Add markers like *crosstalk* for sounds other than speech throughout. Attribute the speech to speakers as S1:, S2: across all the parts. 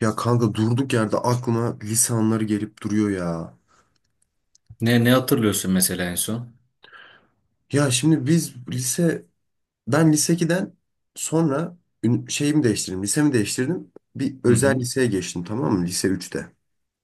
S1: Ya kanka durduk yerde aklıma lise anıları gelip duruyor ya.
S2: Ne hatırlıyorsun mesela en son?
S1: Ya şimdi biz lise, Ben lise 2'den sonra şeyimi değiştirdim, lisemi değiştirdim. Bir
S2: Hı
S1: özel
S2: hı.
S1: liseye geçtim, tamam mı? Lise üçte.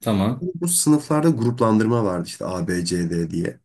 S2: Tamam.
S1: Bu sınıflarda gruplandırma vardı işte A, B, C, D diye.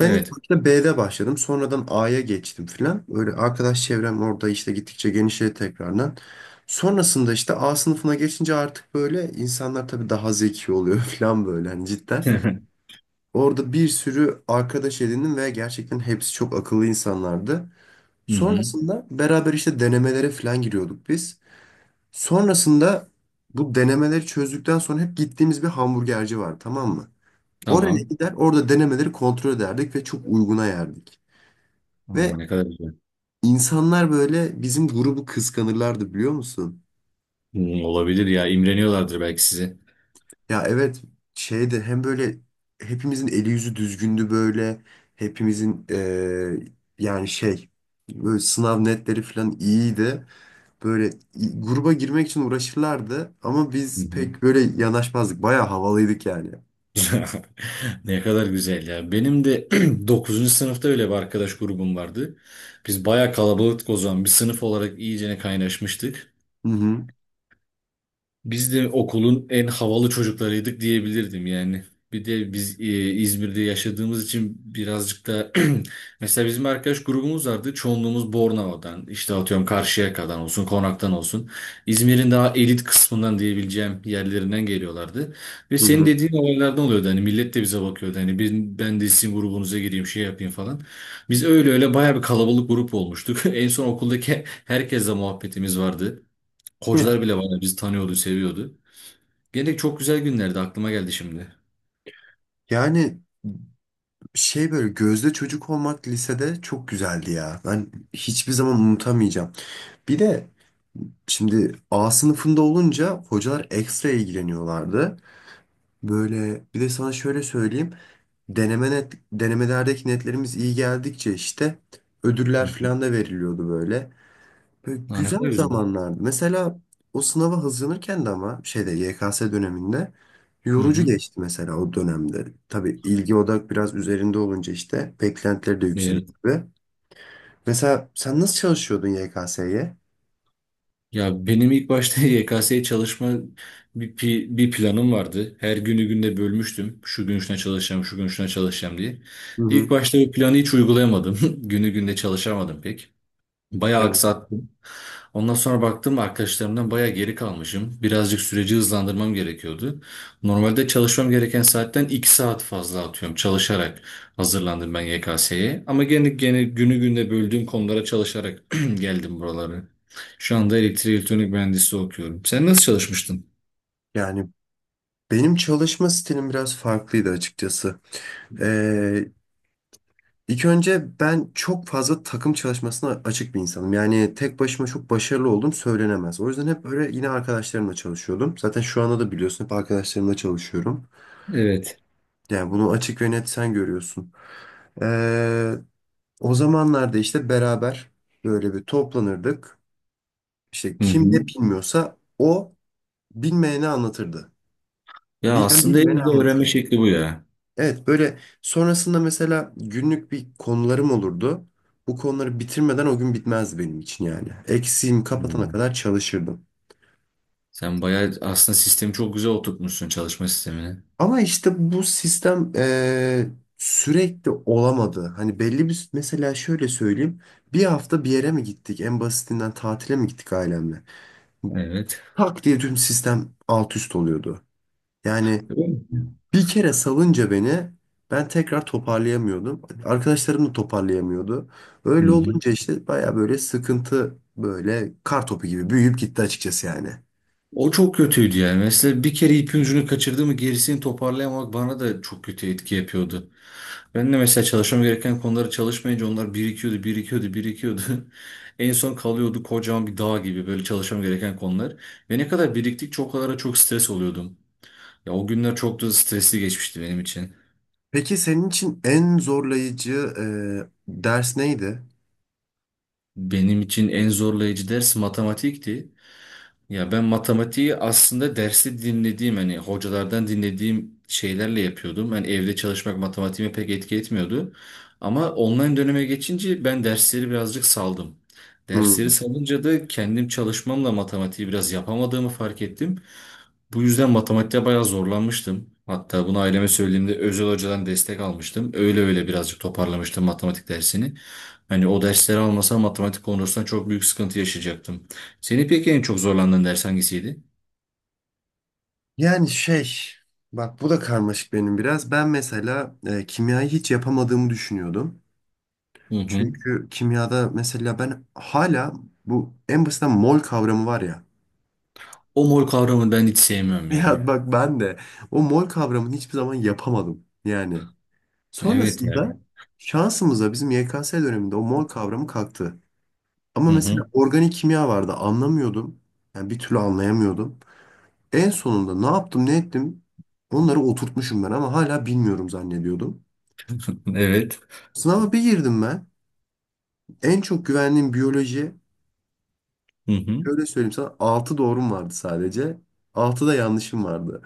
S1: Ben ilk
S2: Evet.
S1: başta B'de başladım. Sonradan A'ya geçtim filan. Öyle arkadaş çevrem orada işte gittikçe genişledi tekrardan. Sonrasında işte A sınıfına geçince artık böyle insanlar tabii daha zeki oluyor *laughs* filan, böyle hani
S2: *laughs*
S1: cidden.
S2: Hı
S1: Orada bir sürü arkadaş edindim ve gerçekten hepsi çok akıllı insanlardı.
S2: hı.
S1: Sonrasında beraber işte denemelere falan giriyorduk biz. Sonrasında bu denemeleri çözdükten sonra hep gittiğimiz bir hamburgerci var, tamam mı? Oraya
S2: Tamam.
S1: gider, orada denemeleri kontrol ederdik ve çok uyguna yerdik.
S2: Aa,
S1: Ve
S2: ne kadar güzel.
S1: insanlar böyle bizim grubu kıskanırlardı, biliyor musun?
S2: Hı, olabilir ya. İmreniyorlardır belki size.
S1: Ya evet, şeydi, hem böyle hepimizin eli yüzü düzgündü, böyle hepimizin yani şey, böyle sınav netleri falan iyiydi. Böyle gruba girmek için uğraşırlardı ama
S2: Hı
S1: biz
S2: hı.
S1: pek böyle yanaşmazdık. Bayağı havalıydık yani.
S2: *laughs* Ne kadar güzel ya. Benim de *clears throat* dokuzuncu sınıfta öyle bir arkadaş grubum vardı. Biz bayağı kalabalıktık o zaman. Bir sınıf olarak iyicene kaynaşmıştık.
S1: Hı hı.
S2: Biz de okulun en havalı çocuklarıydık diyebilirdim yani. Bir de biz İzmir'de yaşadığımız için birazcık da *clears throat* mesela bizim arkadaş grubumuz vardı. Çoğunluğumuz Bornova'dan, işte atıyorum Karşıyaka'dan olsun, Konak'tan olsun. İzmir'in daha elit kısmından diyebileceğim yerlerinden geliyorlardı. Ve
S1: Hı
S2: senin
S1: hı.
S2: dediğin olaylardan oluyordu. Hani millet de bize bakıyordu. Hani ben de sizin grubunuza gireyim, şey yapayım falan. Biz öyle öyle bayağı bir kalabalık grup olmuştuk. *laughs* En son okuldaki herkesle muhabbetimiz vardı.
S1: *laughs* Heh.
S2: Hocalar bile bayağı bizi tanıyordu, seviyordu. Gene çok güzel günlerdi aklıma geldi şimdi.
S1: Yani şey, böyle gözde çocuk olmak lisede çok güzeldi ya. Ben hiçbir zaman unutamayacağım. Bir de şimdi A sınıfında olunca hocalar ekstra ilgileniyorlardı. Böyle bir de sana şöyle söyleyeyim. Denemelerdeki netlerimiz iyi geldikçe işte
S2: Hı
S1: ödüller
S2: hı.
S1: falan da veriliyordu böyle. Böyle
S2: Ha, ne
S1: güzel
S2: kadar güzel.
S1: zamanlardı. Mesela o sınava hazırlanırken de, ama şeyde YKS döneminde
S2: Hı
S1: yorucu
S2: hı.
S1: geçti mesela o dönemde. Tabii ilgi odak biraz üzerinde olunca işte beklentileri de yükseliyor
S2: Evet.
S1: tabii. Mesela sen nasıl çalışıyordun YKS'ye?
S2: Ya benim ilk başta *laughs* YKS'ye çalışma bir planım vardı. Her günü günde bölmüştüm. Şu gün şuna çalışacağım, şu gün şuna çalışacağım diye.
S1: Hı
S2: İlk
S1: hı.
S2: başta bu planı hiç uygulayamadım. *laughs* Günü günde çalışamadım pek. Bayağı
S1: Evet.
S2: aksattım. Ondan sonra baktım arkadaşlarımdan bayağı geri kalmışım. Birazcık süreci hızlandırmam gerekiyordu. Normalde çalışmam gereken saatten 2 saat fazla atıyorum çalışarak hazırlandım ben YKS'ye. Ama gene günü gününe böldüğüm konulara çalışarak *clears throat* geldim buralara. Şu anda elektrik elektronik mühendisliği okuyorum. Sen nasıl çalışmıştın?
S1: Yani benim çalışma stilim biraz farklıydı açıkçası. Ee, İlk önce ben çok fazla takım çalışmasına açık bir insanım. Yani tek başıma çok başarılı oldum söylenemez. O yüzden hep böyle yine arkadaşlarımla çalışıyordum. Zaten şu anda da biliyorsun, hep arkadaşlarımla çalışıyorum.
S2: Evet.
S1: Yani bunu açık ve net sen görüyorsun. Ee, o zamanlarda işte beraber böyle bir toplanırdık. İşte
S2: Hı
S1: kim ne
S2: hı.
S1: bilmiyorsa o bilmeyene anlatırdı.
S2: Ya
S1: Bilen
S2: aslında en
S1: bilmeyene
S2: güzel öğrenme
S1: anlatırdı.
S2: şekli bu ya.
S1: Evet, böyle sonrasında mesela günlük bir konularım olurdu. Bu konuları bitirmeden o gün bitmezdi benim için yani. Eksiğimi kapatana
S2: Hmm.
S1: kadar çalışırdım.
S2: Sen bayağı aslında sistemi çok güzel oturtmuşsun çalışma sistemini.
S1: Ama işte bu sistem sürekli olamadı. Hani belli bir, mesela şöyle söyleyeyim. Bir hafta bir yere mi gittik? En basitinden tatile mi gittik ailemle?
S2: Evet.
S1: Tak diye tüm sistem alt üst oluyordu. Yani
S2: Öyle mi?
S1: bir kere salınca beni, ben tekrar toparlayamıyordum. Arkadaşlarım da toparlayamıyordu.
S2: Hı
S1: Öyle
S2: hı.
S1: olunca işte baya böyle sıkıntı, böyle kar topu gibi büyüyüp gitti açıkçası yani.
S2: O çok kötüydü yani. Mesela bir kere ipin ucunu kaçırdı mı gerisini toparlayamamak bana da çok kötü etki yapıyordu. Ben de mesela çalışmam gereken konuları çalışmayınca onlar birikiyordu, birikiyordu, birikiyordu. *laughs* En son kalıyordu kocaman bir dağ gibi böyle çalışmam gereken konular. Ve ne kadar biriktikçe o kadar da çok stres oluyordum. Ya o günler çok da stresli geçmişti benim için.
S1: Peki senin için en zorlayıcı ders neydi?
S2: Benim için en zorlayıcı ders matematikti. Ya ben matematiği aslında dersi dinlediğim hani hocalardan dinlediğim şeylerle yapıyordum. Hani evde çalışmak matematiğime pek etki etmiyordu. Ama online döneme geçince ben dersleri birazcık saldım. Dersleri
S1: Hmm.
S2: salınca da kendim çalışmamla matematiği biraz yapamadığımı fark ettim. Bu yüzden matematikte bayağı zorlanmıştım. Hatta bunu aileme söylediğimde özel hocadan destek almıştım. Öyle öyle birazcık toparlamıştım matematik dersini. Hani o dersleri almasam matematik konusunda çok büyük sıkıntı yaşayacaktım. Seni peki en çok zorlandığın ders hangisiydi?
S1: Yani şey, bak bu da karmaşık benim biraz. Ben mesela kimyayı hiç yapamadığımı düşünüyordum.
S2: Hı hı.
S1: Çünkü kimyada mesela ben hala bu en basitten mol kavramı var ya.
S2: O mor kavramı ben hiç sevmiyorum ya.
S1: Ya bak, ben de o mol kavramını hiçbir zaman yapamadım yani.
S2: Evet ya.
S1: Sonrasında şansımıza bizim YKS döneminde o mol kavramı kalktı. Ama
S2: Hı
S1: mesela
S2: hı.
S1: organik kimya vardı, anlamıyordum. Yani bir türlü anlayamıyordum. En sonunda ne yaptım ne ettim, onları oturtmuşum ben ama hala bilmiyorum zannediyordum.
S2: Evet.
S1: Sınava bir girdim ben. En çok güvendiğim biyoloji,
S2: Hı hı.
S1: şöyle söyleyeyim sana, 6 doğrum vardı sadece. Altı da yanlışım vardı.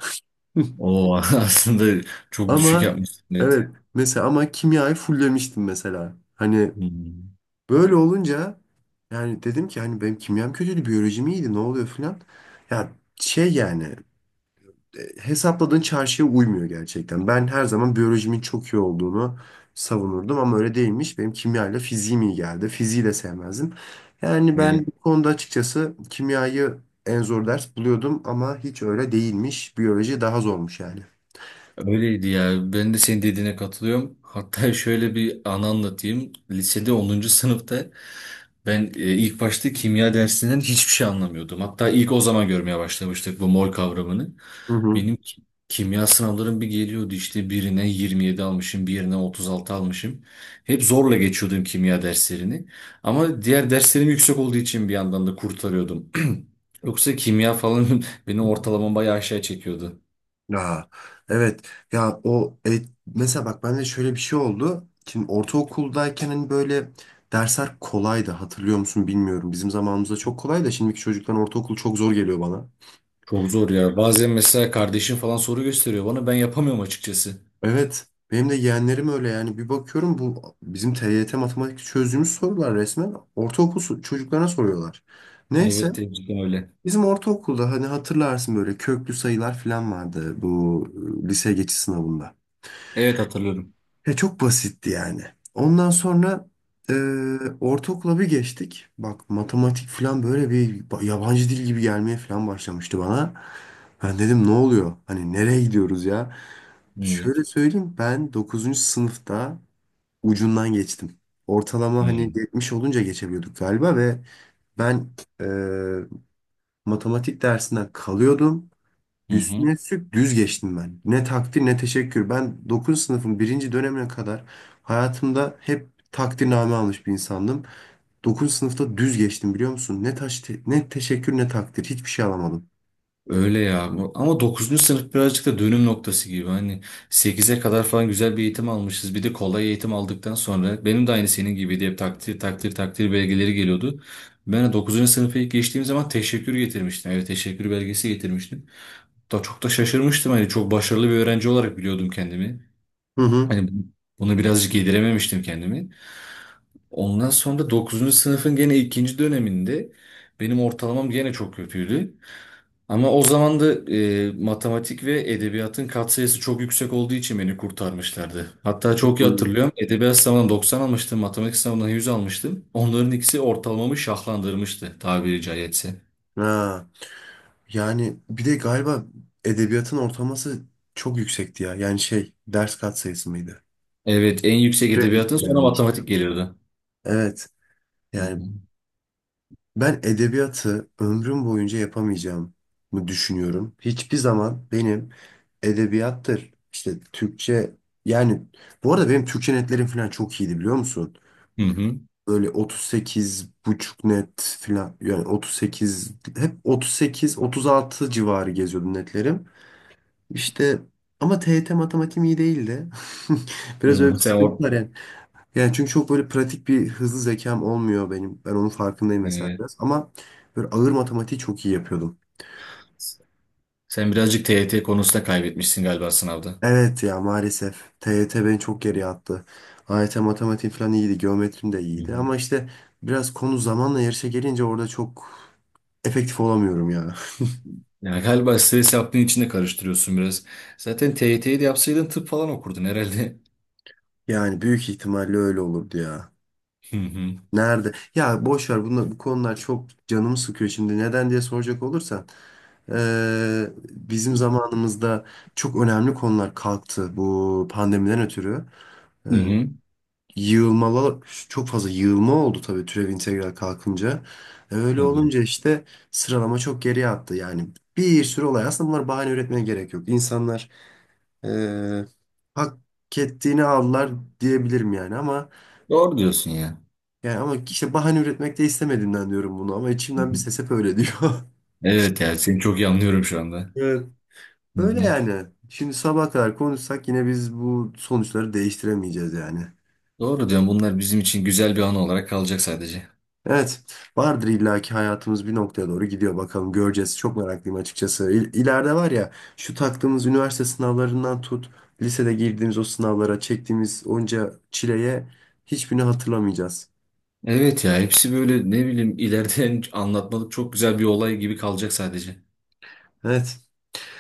S1: *laughs*
S2: O *laughs* aslında çok düşük
S1: Ama
S2: yapmışsın. Evet.
S1: evet, mesela ama kimyayı fullemiştim mesela. Hani
S2: Hı
S1: böyle olunca yani dedim ki hani, benim kimyam kötüydü, biyolojim iyiydi, ne oluyor filan. Ya şey yani, hesapladığın çarşıya uymuyor gerçekten. Ben her zaman biyolojimin çok iyi olduğunu savunurdum ama öyle değilmiş. Benim kimyayla fiziğim iyi geldi. Fiziği de sevmezdim. Yani ben bu
S2: hı.
S1: konuda açıkçası kimyayı en zor ders buluyordum ama hiç öyle değilmiş. Biyoloji daha zormuş yani.
S2: Öyleydi ya. Ben de senin dediğine katılıyorum. Hatta *laughs* şöyle bir anı anlatayım. Lisede onuncu sınıfta ben ilk başta kimya dersinden hiçbir şey anlamıyordum. Hatta ilk o zaman görmeye başlamıştık bu mol kavramını. Benim ki- Kimya sınavlarım bir geliyordu işte birine 27 almışım, birine 36 almışım. Hep zorla geçiyordum kimya derslerini. Ama diğer derslerim yüksek olduğu için bir yandan da kurtarıyordum. *clears throat* Yoksa kimya falan *laughs* beni ortalamam bayağı aşağı çekiyordu.
S1: Ya evet, ya o mesela bak, bende şöyle bir şey oldu. Şimdi ortaokuldayken hani böyle dersler kolaydı, hatırlıyor musun bilmiyorum. Bizim zamanımızda çok kolay da şimdiki çocukların ortaokul çok zor geliyor bana.
S2: Çok zor ya. Bazen mesela kardeşim falan soru gösteriyor bana. Ben yapamıyorum açıkçası.
S1: Evet, benim de yeğenlerim öyle yani, bir bakıyorum bu bizim TYT matematik çözdüğümüz sorular resmen ortaokul çocuklarına soruyorlar. Neyse,
S2: Evet, gerçekten öyle.
S1: bizim ortaokulda hani hatırlarsın böyle köklü sayılar falan vardı bu lise geçiş sınavında.
S2: Evet hatırlıyorum.
S1: E, çok basitti yani. Ondan sonra e, ortaokula bir geçtik. Bak, matematik falan böyle bir yabancı dil gibi gelmeye falan başlamıştı bana. Ben dedim ne oluyor? Hani nereye gidiyoruz ya?
S2: Evet.
S1: Şöyle söyleyeyim, ben dokuzuncu sınıfta ucundan geçtim. Ortalama hani
S2: Hmm.
S1: 70 olunca geçebiliyorduk galiba ve ben e, matematik dersinden kalıyordum.
S2: Hı hı.
S1: Üstüne üstlük düz geçtim ben. Ne takdir ne teşekkür. Ben 9. sınıfın birinci dönemine kadar hayatımda hep takdirname almış bir insandım. 9. sınıfta düz geçtim, biliyor musun? Ne taş ne teşekkür ne takdir, hiçbir şey alamadım.
S2: Öyle ya. Ama dokuzuncu sınıf birazcık da dönüm noktası gibi. Hani sekize kadar falan güzel bir eğitim almışız. Bir de kolay eğitim aldıktan sonra benim de aynı senin gibiydi. Hep takdir takdir takdir belgeleri geliyordu. Ben de dokuzuncu sınıfa ilk geçtiğim zaman teşekkür getirmiştim. Evet teşekkür belgesi getirmiştim. Da çok da şaşırmıştım. Hani çok başarılı bir öğrenci olarak biliyordum kendimi.
S1: Hı hı.
S2: Hani bunu birazcık yedirememiştim kendimi. Ondan sonra dokuzuncu sınıfın gene ikinci döneminde benim ortalamam gene çok kötüydü. Ama o zaman da matematik ve edebiyatın katsayısı çok yüksek olduğu için beni kurtarmışlardı. Hatta çok iyi
S1: Hı.
S2: hatırlıyorum. Edebiyat sınavından 90 almıştım, matematik sınavından 100 almıştım. Onların ikisi ortalamamı şahlandırmıştı tabiri caizse.
S1: Ha. Yani bir de galiba edebiyatın ortalaması çok yüksekti ya. Yani şey, ders katsayısı mıydı?
S2: Evet, en yüksek
S1: Kredi
S2: edebiyatın sonra
S1: yani.
S2: matematik gelirdi.
S1: Evet.
S2: Hı
S1: Yani
S2: hı.
S1: ben edebiyatı ömrüm boyunca yapamayacağımı düşünüyorum. Hiçbir zaman benim edebiyattır, işte Türkçe, yani bu arada benim Türkçe netlerim falan çok iyiydi, biliyor musun?
S2: Hı hı.
S1: Böyle 38 buçuk net falan, yani 38, hep 38 36 civarı geziyordum netlerim. İşte ama TYT matematiğim iyi değildi. *laughs*
S2: Hı
S1: Biraz öyle bir
S2: hı. Sen
S1: sıkıntı
S2: o...
S1: var yani. Yani çünkü çok böyle pratik bir hızlı zekam olmuyor benim. Ben onun farkındayım mesela
S2: Evet.
S1: biraz. Ama böyle ağır matematiği çok iyi yapıyordum.
S2: Sen birazcık TYT konusunda kaybetmişsin galiba sınavda.
S1: Evet ya, maalesef. TYT beni çok geriye attı. AYT matematiğim falan iyiydi. Geometrim de
S2: Hı
S1: iyiydi.
S2: hı.
S1: Ama işte biraz konu zamanla yarışa gelince orada çok efektif olamıyorum ya. *laughs*
S2: Yani galiba stres yaptığın için de karıştırıyorsun biraz. Zaten TYT'yi de yapsaydın tıp falan okurdun herhalde.
S1: Yani büyük ihtimalle öyle olurdu ya.
S2: Hı hı.
S1: Nerede? Ya boş ver bunlar, bu konular çok canımı sıkıyor şimdi. Neden diye soracak olursan. Bizim zamanımızda çok önemli konular kalktı bu pandemiden ötürü.
S2: Hı
S1: Eee
S2: hı.
S1: yığılmalar, çok fazla yığılma oldu tabii türev integral kalkınca. Öyle
S2: Tabii.
S1: olunca işte sıralama çok geriye attı. Yani bir sürü olay, aslında bunlar bahane üretmeye gerek yok. İnsanlar eee hak ettiğini aldılar diyebilirim yani, ama
S2: Doğru diyorsun ya.
S1: yani ama işte bahane üretmek de istemediğimden diyorum bunu, ama
S2: Hı
S1: içimden bir
S2: hı.
S1: ses hep öyle diyor. *laughs*
S2: Evet ya seni çok iyi anlıyorum şu anda.
S1: Evet.
S2: Hı
S1: Öyle
S2: hı.
S1: yani. Şimdi sabaha kadar konuşsak yine biz bu sonuçları değiştiremeyeceğiz yani.
S2: Doğru diyorsun bunlar bizim için güzel bir anı olarak kalacak sadece.
S1: Evet, vardır illaki, hayatımız bir noktaya doğru gidiyor, bakalım göreceğiz. Çok meraklıyım açıkçası. İleride var ya, şu taktığımız üniversite sınavlarından tut, lisede girdiğimiz o sınavlara çektiğimiz onca çileye, hiçbirini hatırlamayacağız.
S2: Evet ya hepsi böyle ne bileyim ileriden *laughs* anlatmalık çok güzel bir olay gibi kalacak sadece.
S1: Evet,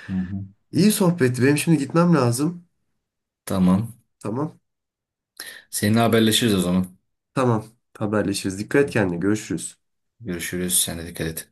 S2: Hı hı.
S1: iyi sohbetti. Benim şimdi gitmem lazım.
S2: Tamam.
S1: Tamam,
S2: Seninle haberleşiriz o zaman.
S1: tamam. Haberleşiriz. Dikkat et kendine. Görüşürüz.
S2: Görüşürüz. Sen de dikkat et.